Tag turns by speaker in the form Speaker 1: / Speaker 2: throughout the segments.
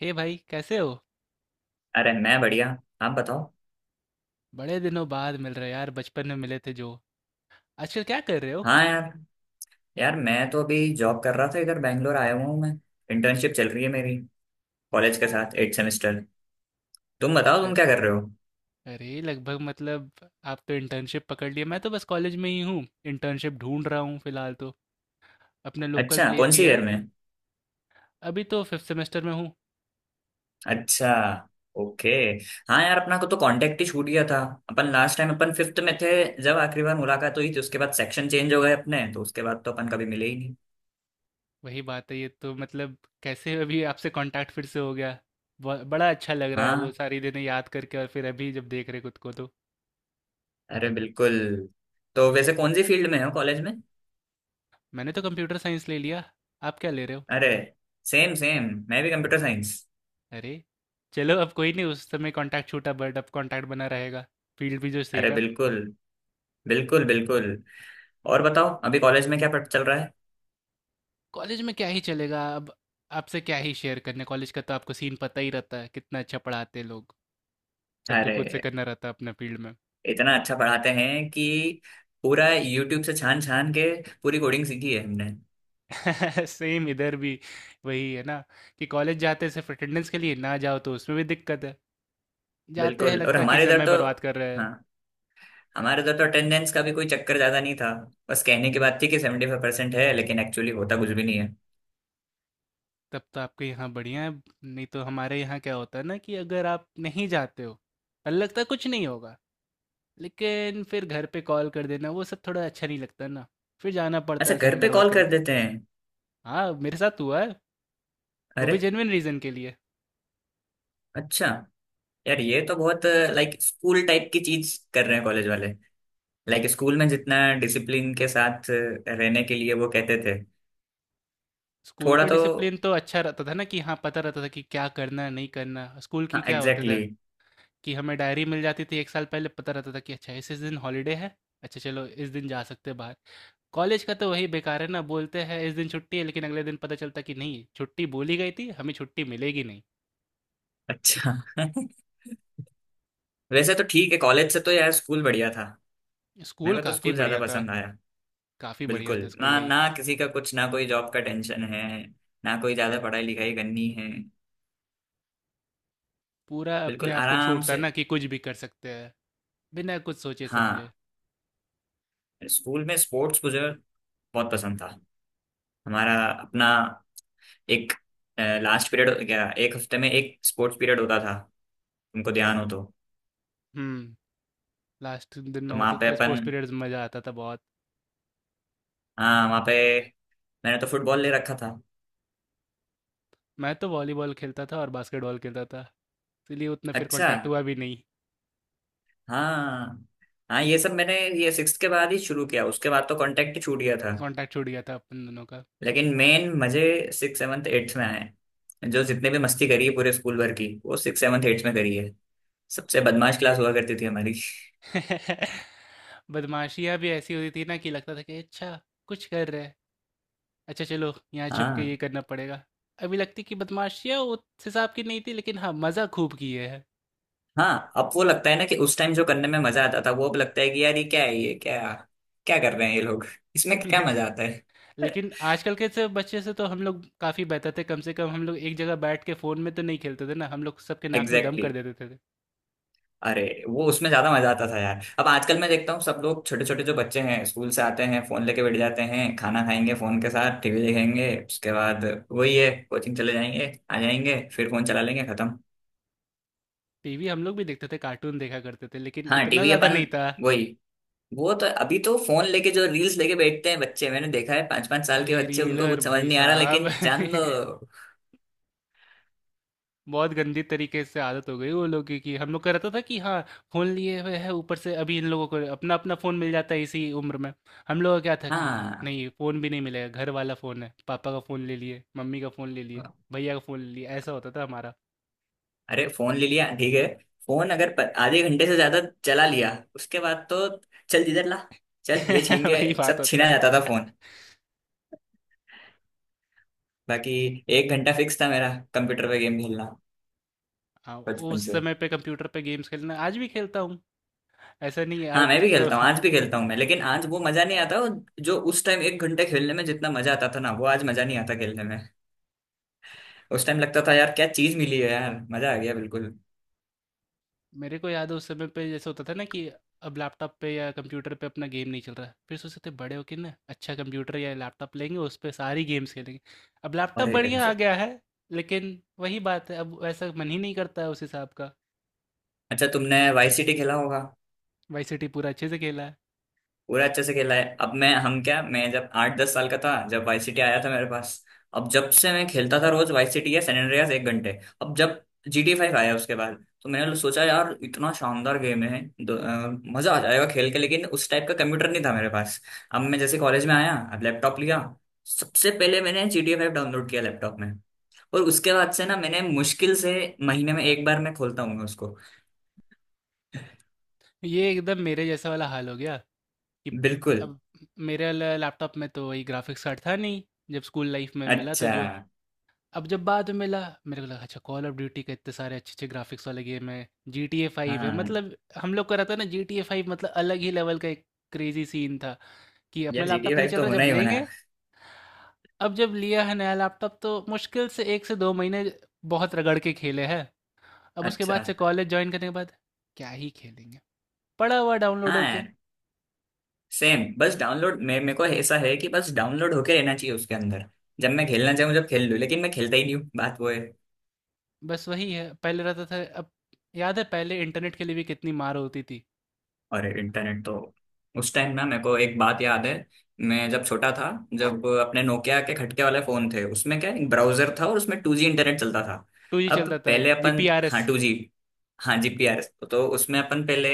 Speaker 1: हे भाई कैसे हो।
Speaker 2: अरे मैं बढ़िया। आप बताओ।
Speaker 1: बड़े दिनों बाद मिल रहे यार, बचपन में मिले थे जो। आजकल क्या कर रहे हो?
Speaker 2: हाँ यार यार, मैं तो अभी जॉब कर रहा था। इधर बैंगलोर आया हुआ हूँ मैं इंटर्नशिप चल रही है मेरी, कॉलेज के साथ 8 सेमेस्टर। तुम बताओ, तुम
Speaker 1: अर-
Speaker 2: क्या कर रहे हो।
Speaker 1: अरे लगभग मतलब, आप तो इंटर्नशिप पकड़ लिए, मैं तो बस कॉलेज में ही हूँ। इंटर्नशिप ढूंढ रहा हूँ फिलहाल तो, अपने लोकल
Speaker 2: अच्छा,
Speaker 1: प्लेस
Speaker 2: कौन
Speaker 1: ही
Speaker 2: सी ईयर
Speaker 1: है।
Speaker 2: में।
Speaker 1: अभी तो फिफ्थ सेमेस्टर में हूँ।
Speaker 2: अच्छा। ओके। हाँ यार, अपना को तो कांटेक्ट ही छूट गया था। अपन लास्ट टाइम अपन फिफ्थ में थे, जब आखिरी बार मुलाकात हुई थी। उसके बाद सेक्शन चेंज हो गए अपने, तो उसके बाद तो अपन कभी मिले ही नहीं।
Speaker 1: वही बात है ये तो मतलब, कैसे अभी आपसे कांटेक्ट फिर से हो गया। बड़ा अच्छा लग रहा है वो
Speaker 2: हाँ,
Speaker 1: सारी दिनें याद करके और फिर अभी जब देख रहे खुद को तो।
Speaker 2: अरे बिल्कुल। तो वैसे कौन सी फील्ड में हो कॉलेज में।
Speaker 1: मैंने तो कंप्यूटर साइंस ले लिया, आप क्या ले रहे हो?
Speaker 2: अरे, सेम सेम, मैं भी कंप्यूटर साइंस।
Speaker 1: अरे! चलो अब कोई नहीं, उस समय कॉन्टैक्ट छूटा बट अब कॉन्टैक्ट बना रहेगा। फ़ील्ड भी जो
Speaker 2: अरे
Speaker 1: सेम है।
Speaker 2: बिल्कुल, बिल्कुल बिल्कुल। और बताओ, अभी कॉलेज में क्या पढ़ चल रहा है।
Speaker 1: कॉलेज में क्या ही चलेगा अब, आपसे क्या ही शेयर करने, कॉलेज का तो आपको सीन पता ही रहता है, कितना अच्छा पढ़ाते हैं लोग। सब तो खुद से
Speaker 2: अरे,
Speaker 1: करना रहता है अपना फ़ील्ड में।
Speaker 2: इतना अच्छा पढ़ाते हैं कि पूरा यूट्यूब से छान छान के पूरी कोडिंग सीखी है हमने।
Speaker 1: सेम इधर भी। वही है ना कि कॉलेज जाते हैं सिर्फ़ अटेंडेंस के लिए, ना जाओ तो उसमें भी दिक्कत है। जाते हैं
Speaker 2: बिल्कुल। और
Speaker 1: लगता है कि
Speaker 2: हमारे इधर
Speaker 1: समय
Speaker 2: तो,
Speaker 1: बर्बाद कर रहे हैं।
Speaker 2: हाँ, हमारे इधर तो अटेंडेंस का भी कोई चक्कर ज्यादा नहीं था। बस कहने की बात थी कि 75% है, लेकिन एक्चुअली होता कुछ भी नहीं है।
Speaker 1: तब तो आपके यहाँ बढ़िया है, नहीं तो हमारे यहाँ क्या होता है ना कि अगर आप नहीं जाते हो, लगता है कुछ नहीं होगा। लेकिन फिर घर पे कॉल कर देना वो सब थोड़ा अच्छा नहीं लगता ना, फिर जाना पड़ता
Speaker 2: अच्छा,
Speaker 1: है समय
Speaker 2: घर पे
Speaker 1: बर्बाद
Speaker 2: कॉल
Speaker 1: करने
Speaker 2: कर
Speaker 1: के
Speaker 2: देते हैं।
Speaker 1: लिए। हाँ, मेरे साथ हुआ है, वो
Speaker 2: अरे।
Speaker 1: भी जेन्युइन रीज़न के लिए।
Speaker 2: अच्छा। यार ये तो बहुत लाइक स्कूल टाइप की चीज कर रहे हैं कॉलेज वाले। लाइक स्कूल में जितना डिसिप्लिन के साथ रहने के लिए वो कहते थे।
Speaker 1: स्कूल
Speaker 2: थोड़ा
Speaker 1: का
Speaker 2: तो।
Speaker 1: डिसिप्लिन तो अच्छा रहता था ना कि हाँ, पता रहता था कि क्या करना है नहीं करना। स्कूल की
Speaker 2: हाँ,
Speaker 1: क्या होता
Speaker 2: एग्जैक्टली
Speaker 1: था
Speaker 2: exactly।
Speaker 1: कि हमें डायरी मिल जाती थी, एक साल पहले पता रहता था कि अच्छा इस दिन हॉलीडे है, अच्छा चलो इस दिन जा सकते हैं बाहर। कॉलेज का तो वही बेकार है ना, बोलते हैं इस दिन छुट्टी है लेकिन अगले दिन पता चलता कि नहीं, छुट्टी बोली गई थी हमें, छुट्टी मिलेगी नहीं।
Speaker 2: अच्छा वैसे तो ठीक है, कॉलेज से तो यार स्कूल बढ़िया था।
Speaker 1: स्कूल
Speaker 2: मेरे को तो
Speaker 1: काफ़ी
Speaker 2: स्कूल ज्यादा
Speaker 1: बढ़िया था।
Speaker 2: पसंद आया।
Speaker 1: काफ़ी बढ़िया
Speaker 2: बिल्कुल,
Speaker 1: था स्कूल
Speaker 2: ना
Speaker 1: लाइफ।
Speaker 2: ना, किसी का कुछ ना कोई जॉब का टेंशन है, ना कोई ज्यादा पढ़ाई लिखाई करनी है।
Speaker 1: पूरा अपने
Speaker 2: बिल्कुल
Speaker 1: आप को
Speaker 2: आराम
Speaker 1: छूटता
Speaker 2: से।
Speaker 1: है ना कि कुछ भी कर सकते हैं, बिना कुछ सोचे समझे।
Speaker 2: हाँ, स्कूल में स्पोर्ट्स मुझे बहुत पसंद था। हमारा अपना एक लास्ट पीरियड, क्या, एक हफ्ते में एक स्पोर्ट्स पीरियड होता था, तुमको ध्यान हो तो।
Speaker 1: हुँ, लास्ट दिन
Speaker 2: तो
Speaker 1: में
Speaker 2: वहाँ
Speaker 1: होता
Speaker 2: पे
Speaker 1: था स्पोर्ट्स
Speaker 2: अपन
Speaker 1: पीरियड्स में, मज़ा आता था बहुत।
Speaker 2: हाँ, वहाँ पे मैंने तो फुटबॉल ले रखा था।
Speaker 1: मैं तो वॉलीबॉल खेलता था और बास्केटबॉल खेलता था, इसीलिए उतना फिर
Speaker 2: अच्छा।
Speaker 1: कॉन्टैक्ट हुआ भी नहीं,
Speaker 2: हाँ हाँ, ये सब मैंने, ये सिक्स के बाद ही शुरू किया। उसके बाद तो कांटेक्ट छूट गया था।
Speaker 1: कॉन्टैक्ट छूट गया था अपन दोनों का।
Speaker 2: लेकिन मेन मजे सिक्स सेवन्थ एट्थ में आए। जो जितने भी मस्ती करी है पूरे स्कूल भर की, वो सिक्स सेवन्थ एट्थ में करी है। सबसे बदमाश क्लास हुआ करती थी हमारी।
Speaker 1: बदमाशियाँ भी ऐसी होती थी ना कि लगता था कि अच्छा, कुछ कर रहे हैं, अच्छा चलो यहाँ छुप के
Speaker 2: हाँ।
Speaker 1: ये करना पड़ेगा। अभी लगती कि बदमाशियाँ उस हिसाब की नहीं थी लेकिन हाँ, मज़ा खूब किए हैं।
Speaker 2: हाँ, अब वो लगता है ना कि उस टाइम जो करने में मजा आता था, वो अब लगता है कि यार ये क्या है, ये क्या क्या कर रहे हैं ये लोग, इसमें क्या मजा आता है।
Speaker 1: लेकिन आजकल के से बच्चे से तो हम लोग काफ़ी बेहतर थे, कम से कम हम लोग एक जगह बैठ के फ़ोन में तो नहीं खेलते थे ना, हम लोग सबके नाक में दम
Speaker 2: एग्जैक्टली।
Speaker 1: कर देते थे।
Speaker 2: अरे, वो उसमें ज्यादा मजा आता था यार। अब आजकल मैं देखता हूँ सब लोग, छोटे छोटे जो बच्चे हैं स्कूल से आते हैं, फोन लेके बैठ जाते हैं, खाना खाएंगे फोन के साथ, टीवी देखेंगे, उसके बाद वही है, कोचिंग चले जाएंगे, आ जाएंगे फिर फोन चला लेंगे, खत्म।
Speaker 1: टीवी हम लोग भी देखते थे, कार्टून देखा करते थे, लेकिन
Speaker 2: हाँ,
Speaker 1: इतना
Speaker 2: टीवी
Speaker 1: ज़्यादा
Speaker 2: अपन,
Speaker 1: नहीं था।
Speaker 2: वही, वो तो अभी तो फोन लेके जो रील्स लेके बैठते हैं बच्चे, मैंने देखा है 5 5 साल
Speaker 1: अरे!
Speaker 2: के बच्चे, उनको
Speaker 1: रीलर
Speaker 2: कुछ समझ
Speaker 1: भाई
Speaker 2: नहीं आ रहा
Speaker 1: साहब।
Speaker 2: लेकिन जान दो।
Speaker 1: बहुत गंदी तरीके से आदत हो गई वो लोगों की। कि हम लोग का रहता था कि हाँ, फ़ोन लिए हुए हैं, ऊपर से अभी इन लोगों को अपना-अपना फ़ोन मिल जाता है इसी उम्र में। हम लोगों का क्या था कि
Speaker 2: हाँ।
Speaker 1: नहीं, फ़ोन भी नहीं मिलेगा, घर वाला फ़ोन है, पापा का फ़ोन ले लिए, मम्मी का फ़ोन ले लिए, भैया का फ़ोन ले लिए, ऐसा होता था हमारा।
Speaker 2: अरे, फोन ले लिया ठीक है, फोन अगर आधे घंटे से ज्यादा चला लिया, उसके बाद तो चल जिधर ला, चल ये छीन के।
Speaker 1: वही बात
Speaker 2: सब
Speaker 1: होता
Speaker 2: छीना जाता था
Speaker 1: है।
Speaker 2: फोन। बाकी 1 घंटा फिक्स था मेरा कंप्यूटर पे गेम खेलना,
Speaker 1: हाँ,
Speaker 2: बचपन
Speaker 1: उस
Speaker 2: से।
Speaker 1: समय पे कंप्यूटर पे गेम्स खेलना आज भी खेलता हूँ, ऐसा नहीं है
Speaker 2: हाँ,
Speaker 1: अब
Speaker 2: मैं भी
Speaker 1: तो।
Speaker 2: खेलता हूँ, आज भी खेलता हूँ मैं, लेकिन आज वो मजा नहीं आता। जो उस टाइम एक घंटे खेलने में जितना मजा आता था ना, वो आज मजा नहीं आता खेलने में। उस टाइम लगता था यार क्या चीज मिली है, यार मजा आ गया बिल्कुल।
Speaker 1: मेरे को याद है उस समय पे जैसे होता था ना कि अब लैपटॉप पे या कंप्यूटर पे अपना गेम नहीं चल रहा है। फिर सोचते थे बड़े होके ना अच्छा कंप्यूटर या लैपटॉप लेंगे उस पे सारी गेम्स खेलेंगे। अब लैपटॉप
Speaker 2: अरे
Speaker 1: बढ़िया आ गया
Speaker 2: एग्जैक्ट।
Speaker 1: है, लेकिन वही बात है अब वैसा मन ही नहीं करता है उस हिसाब का।
Speaker 2: अच्छा, तुमने वाई सिटी खेला होगा।
Speaker 1: वाई सिटी पूरा अच्छे से खेला है।
Speaker 2: पूरा अच्छे से खेला है। अब मैं हम क्या मैं जब 8-10 साल का था जब वाई सिटी आया था मेरे पास। अब जब से मैं खेलता था रोज, वाई सिटी या सैन एंड्रियास, 1 घंटे। अब जब GT 5 आया, उसके बाद तो मैंने सोचा यार इतना शानदार गेम है, मजा आ जाएगा खेल के, लेकिन उस टाइप का कंप्यूटर नहीं था मेरे पास। अब मैं जैसे कॉलेज में आया, अब लैपटॉप लिया, सबसे पहले मैंने GT 5 डाउनलोड किया लैपटॉप में। और उसके बाद से ना मैंने मुश्किल से महीने में 1 बार मैं खोलता हूँ उसको।
Speaker 1: ये एकदम मेरे जैसा वाला हाल हो गया कि
Speaker 2: बिल्कुल।
Speaker 1: अब मेरे लैपटॉप में तो वही ग्राफिक्स कार्ड था नहीं, जब स्कूल लाइफ में मिला था
Speaker 2: अच्छा।
Speaker 1: जो। अब जब बाद में मिला, मेरे को लगा अच्छा कॉल ऑफ ड्यूटी के इतने सारे अच्छे अच्छे ग्राफिक्स वाले गेम है, GTA 5 है,
Speaker 2: हाँ
Speaker 1: मतलब हम लोग का रहता है ना GTA 5 मतलब अलग ही लेवल का एक क्रेजी सीन था कि अपना
Speaker 2: यार, जी टी
Speaker 1: लैपटॉप नहीं
Speaker 2: फाइव
Speaker 1: चल
Speaker 2: तो
Speaker 1: रहा,
Speaker 2: होना
Speaker 1: जब
Speaker 2: ही होना
Speaker 1: लेंगे।
Speaker 2: है।
Speaker 1: अब जब लिया है नया लैपटॉप तो मुश्किल से एक से दो महीने बहुत रगड़ के खेले हैं, अब उसके बाद
Speaker 2: अच्छा।
Speaker 1: से कॉलेज ज्वाइन करने के बाद क्या ही खेलेंगे, पड़ा हुआ डाउनलोड
Speaker 2: हाँ
Speaker 1: हो के।
Speaker 2: यार, सेम। बस डाउनलोड मे मेरे को ऐसा है कि बस डाउनलोड होके रहना चाहिए उसके अंदर। जब मैं खेलना चाहूँ जब खेल लूँ, लेकिन मैं खेलता ही नहीं हूँ, बात वो है।
Speaker 1: बस वही है, पहले रहता था अब। याद है पहले इंटरनेट के लिए भी कितनी मार होती थी।
Speaker 2: और इंटरनेट तो, उस टाइम ना मेरे को एक बात याद है, मैं जब छोटा था, जब अपने नोकिया के खटके वाले फोन थे, उसमें क्या, एक ब्राउजर था और उसमें 2G इंटरनेट चलता था।
Speaker 1: 2G
Speaker 2: अब
Speaker 1: चलता था,
Speaker 2: पहले अपन
Speaker 1: GPRS।
Speaker 2: हाँ 2G, हाँ जी पी आर तो उसमें अपन पहले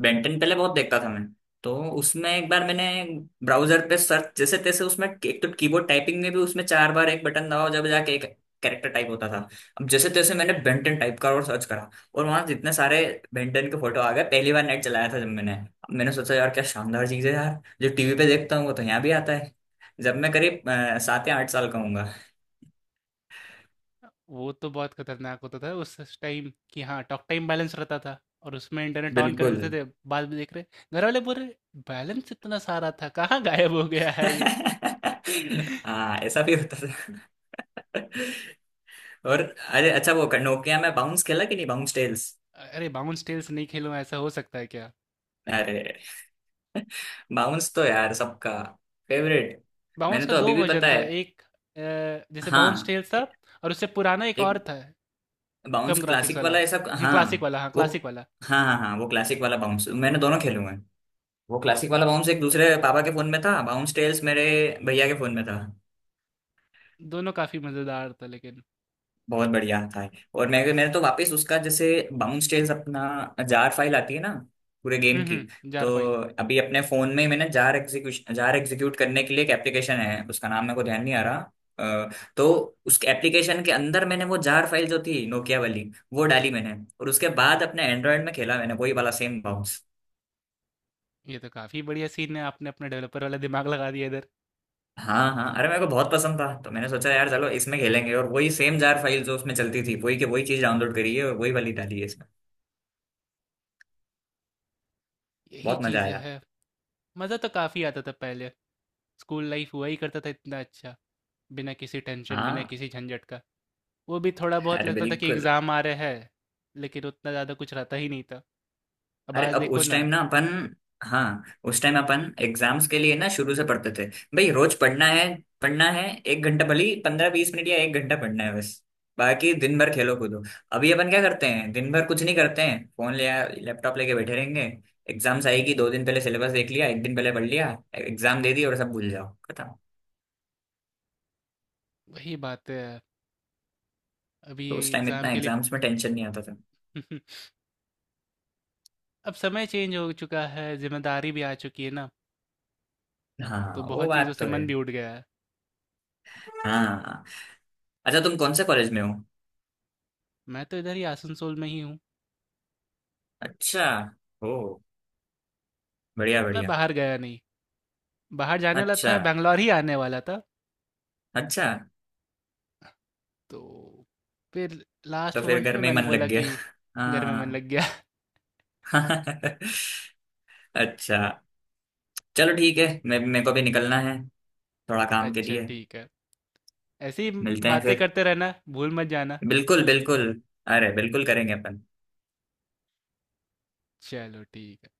Speaker 2: बेंटन, पहले बहुत देखता था मैं। तो उसमें 1 बार मैंने ब्राउजर पे सर्च, जैसे तैसे, उसमें एक तो कीबोर्ड टाइपिंग में भी उसमें 4 बार एक बटन दबाओ जब जाके एक कैरेक्टर टाइप होता था। अब जैसे तैसे मैंने बेंटन टाइप करा और सर्च करा, और वहां जितने सारे बेंटन के फोटो आ गए। पहली बार नेट चलाया था जब मैंने, अब मैंने सोचा यार क्या शानदार चीज है, यार जो टीवी पे देखता हूँ वो तो यहाँ भी आता है। जब मैं करीब 7 या 8 साल का हूंगा।
Speaker 1: वो तो बहुत खतरनाक होता था उस टाइम कि हाँ, टॉक टाइम बैलेंस रहता था और उसमें इंटरनेट ऑन कर
Speaker 2: बिल्कुल।
Speaker 1: देते थे, बाद में देख रहे घर वाले बोल रहे, बैलेंस इतना सारा था, कहाँ गायब हो गया है ये?
Speaker 2: हाँ ऐसा भी होता था। और अरे अच्छा, वो नोकिया में बाउंस खेला कि नहीं, बाउंस टेल्स।
Speaker 1: अरे बाउंस टेल्स नहीं खेलो ऐसा हो सकता है क्या?
Speaker 2: अरे। बाउंस तो यार सबका फेवरेट।
Speaker 1: बाउंस
Speaker 2: मैंने
Speaker 1: का
Speaker 2: तो अभी
Speaker 1: दो
Speaker 2: भी
Speaker 1: वर्जन
Speaker 2: पता
Speaker 1: था,
Speaker 2: है।
Speaker 1: एक अ, जैसे बाउंस
Speaker 2: हाँ
Speaker 1: टेल्स था,
Speaker 2: ए-
Speaker 1: और उससे पुराना एक और
Speaker 2: एक
Speaker 1: था, कम
Speaker 2: बाउंस
Speaker 1: ग्राफिक्स
Speaker 2: क्लासिक
Speaker 1: वाला,
Speaker 2: वाला, ऐसा,
Speaker 1: हाँ
Speaker 2: हाँ।
Speaker 1: क्लासिक वाला, हाँ
Speaker 2: वो,
Speaker 1: क्लासिक वाला।
Speaker 2: हाँ हाँ हाँ, वो क्लासिक वाला बाउंस मैंने दोनों खेले हुए हैं। वो क्लासिक वाला बाउंस एक दूसरे पापा के फोन में था, बाउंस टेल्स मेरे भैया के फोन में था।
Speaker 1: दोनों काफ़ी मज़ेदार था लेकिन।
Speaker 2: बहुत बढ़िया था। और मैंने तो वापस उसका, जैसे बाउंस टेल्स, अपना जार फाइल आती है ना पूरे गेम
Speaker 1: हुँ,
Speaker 2: की।
Speaker 1: हुँ,
Speaker 2: तो
Speaker 1: जार फ़ाइल।
Speaker 2: अभी अपने फोन में ही मैंने, जार एग्जीक्यूशन, जार एग्जीक्यूट करने के लिए एक एप्लीकेशन है, उसका नाम मेरे को ध्यान नहीं आ रहा। अ, तो उस एप्लीकेशन के अंदर मैंने वो जार फाइल जो थी नोकिया वाली, वो डाली मैंने, और उसके बाद अपने एंड्रॉयड में खेला मैंने वही वाला सेम बाउंस।
Speaker 1: ये तो काफ़ी बढ़िया सीन है, आपने अपना डेवलपर वाला दिमाग लगा दिया इधर।
Speaker 2: हाँ हाँ, अरे मेरे को बहुत पसंद था तो मैंने सोचा यार चलो इसमें खेलेंगे, और वही सेम जार फाइल जो उसमें चलती थी वही के वही चीज डाउनलोड करी है और वही वाली डाली है इसमें।
Speaker 1: यही
Speaker 2: बहुत मजा
Speaker 1: चीज़ें
Speaker 2: आया।
Speaker 1: हैं। मज़ा तो काफ़ी आता था पहले। स्कूल लाइफ़ हुआ ही करता था इतना अच्छा, बिना किसी टेंशन, बिना
Speaker 2: हाँ।
Speaker 1: किसी झंझट का। वो भी थोड़ा बहुत
Speaker 2: अरे
Speaker 1: लगता था कि
Speaker 2: बिल्कुल।
Speaker 1: एग्ज़ाम आ रहे हैं, लेकिन उतना ज़्यादा कुछ रहता ही नहीं था। अब
Speaker 2: अरे,
Speaker 1: आज
Speaker 2: अब
Speaker 1: देखो
Speaker 2: उस
Speaker 1: ना,
Speaker 2: टाइम ना अपन, हाँ, उस टाइम अपन एग्जाम्स के लिए ना शुरू से पढ़ते थे, भाई रोज पढ़ना है। पढ़ना है 1 घंटा, भले ही 15-20 मिनट या 1 घंटा पढ़ना है बस, बाकी दिन भर खेलो कूदो। अभी अपन क्या करते हैं, दिन भर कुछ नहीं करते हैं, फोन लिया लैपटॉप लेके बैठे रहेंगे, एग्जाम्स आएगी, 2 दिन पहले सिलेबस देख लिया, 1 दिन पहले पढ़ लिया, एग्जाम दे दी और सब भूल जाओ, खत्म।
Speaker 1: वही बात है, अभी
Speaker 2: तो उस टाइम
Speaker 1: एग्ज़ाम
Speaker 2: इतना
Speaker 1: के लिए।
Speaker 2: एग्जाम्स में टेंशन नहीं आता था।
Speaker 1: अब समय चेंज हो चुका है, ज़िम्मेदारी भी आ चुकी है ना, तो
Speaker 2: हाँ वो
Speaker 1: बहुत चीज़ों
Speaker 2: बात
Speaker 1: से
Speaker 2: तो है।
Speaker 1: मन भी उठ गया है।
Speaker 2: हाँ। अच्छा, तुम कौन से कॉलेज में हो।
Speaker 1: मैं तो इधर ही आसनसोल में ही हूँ।
Speaker 2: अच्छा। ओ, बढ़िया
Speaker 1: मैं
Speaker 2: बढ़िया।
Speaker 1: बाहर गया नहीं, बाहर जाने वाला
Speaker 2: अच्छा।
Speaker 1: था, बैंगलोर ही आने वाला था,
Speaker 2: अच्छा।
Speaker 1: तो फिर
Speaker 2: तो
Speaker 1: लास्ट
Speaker 2: फिर
Speaker 1: मोमेंट
Speaker 2: घर
Speaker 1: में
Speaker 2: में ही
Speaker 1: मैंने
Speaker 2: मन
Speaker 1: बोला
Speaker 2: लग गया।
Speaker 1: कि घर में मन
Speaker 2: हाँ।
Speaker 1: लग गया।
Speaker 2: अच्छा, चलो ठीक है, मैं मेरे को भी निकलना है थोड़ा काम के
Speaker 1: अच्छा
Speaker 2: लिए।
Speaker 1: ठीक है, ऐसी
Speaker 2: मिलते हैं
Speaker 1: बातें
Speaker 2: फिर।
Speaker 1: करते रहना, भूल मत जाना।
Speaker 2: बिल्कुल बिल्कुल। अरे बिल्कुल करेंगे अपन।
Speaker 1: चलो ठीक है,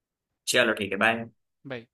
Speaker 2: चलो ठीक है, बाय।
Speaker 1: बाय।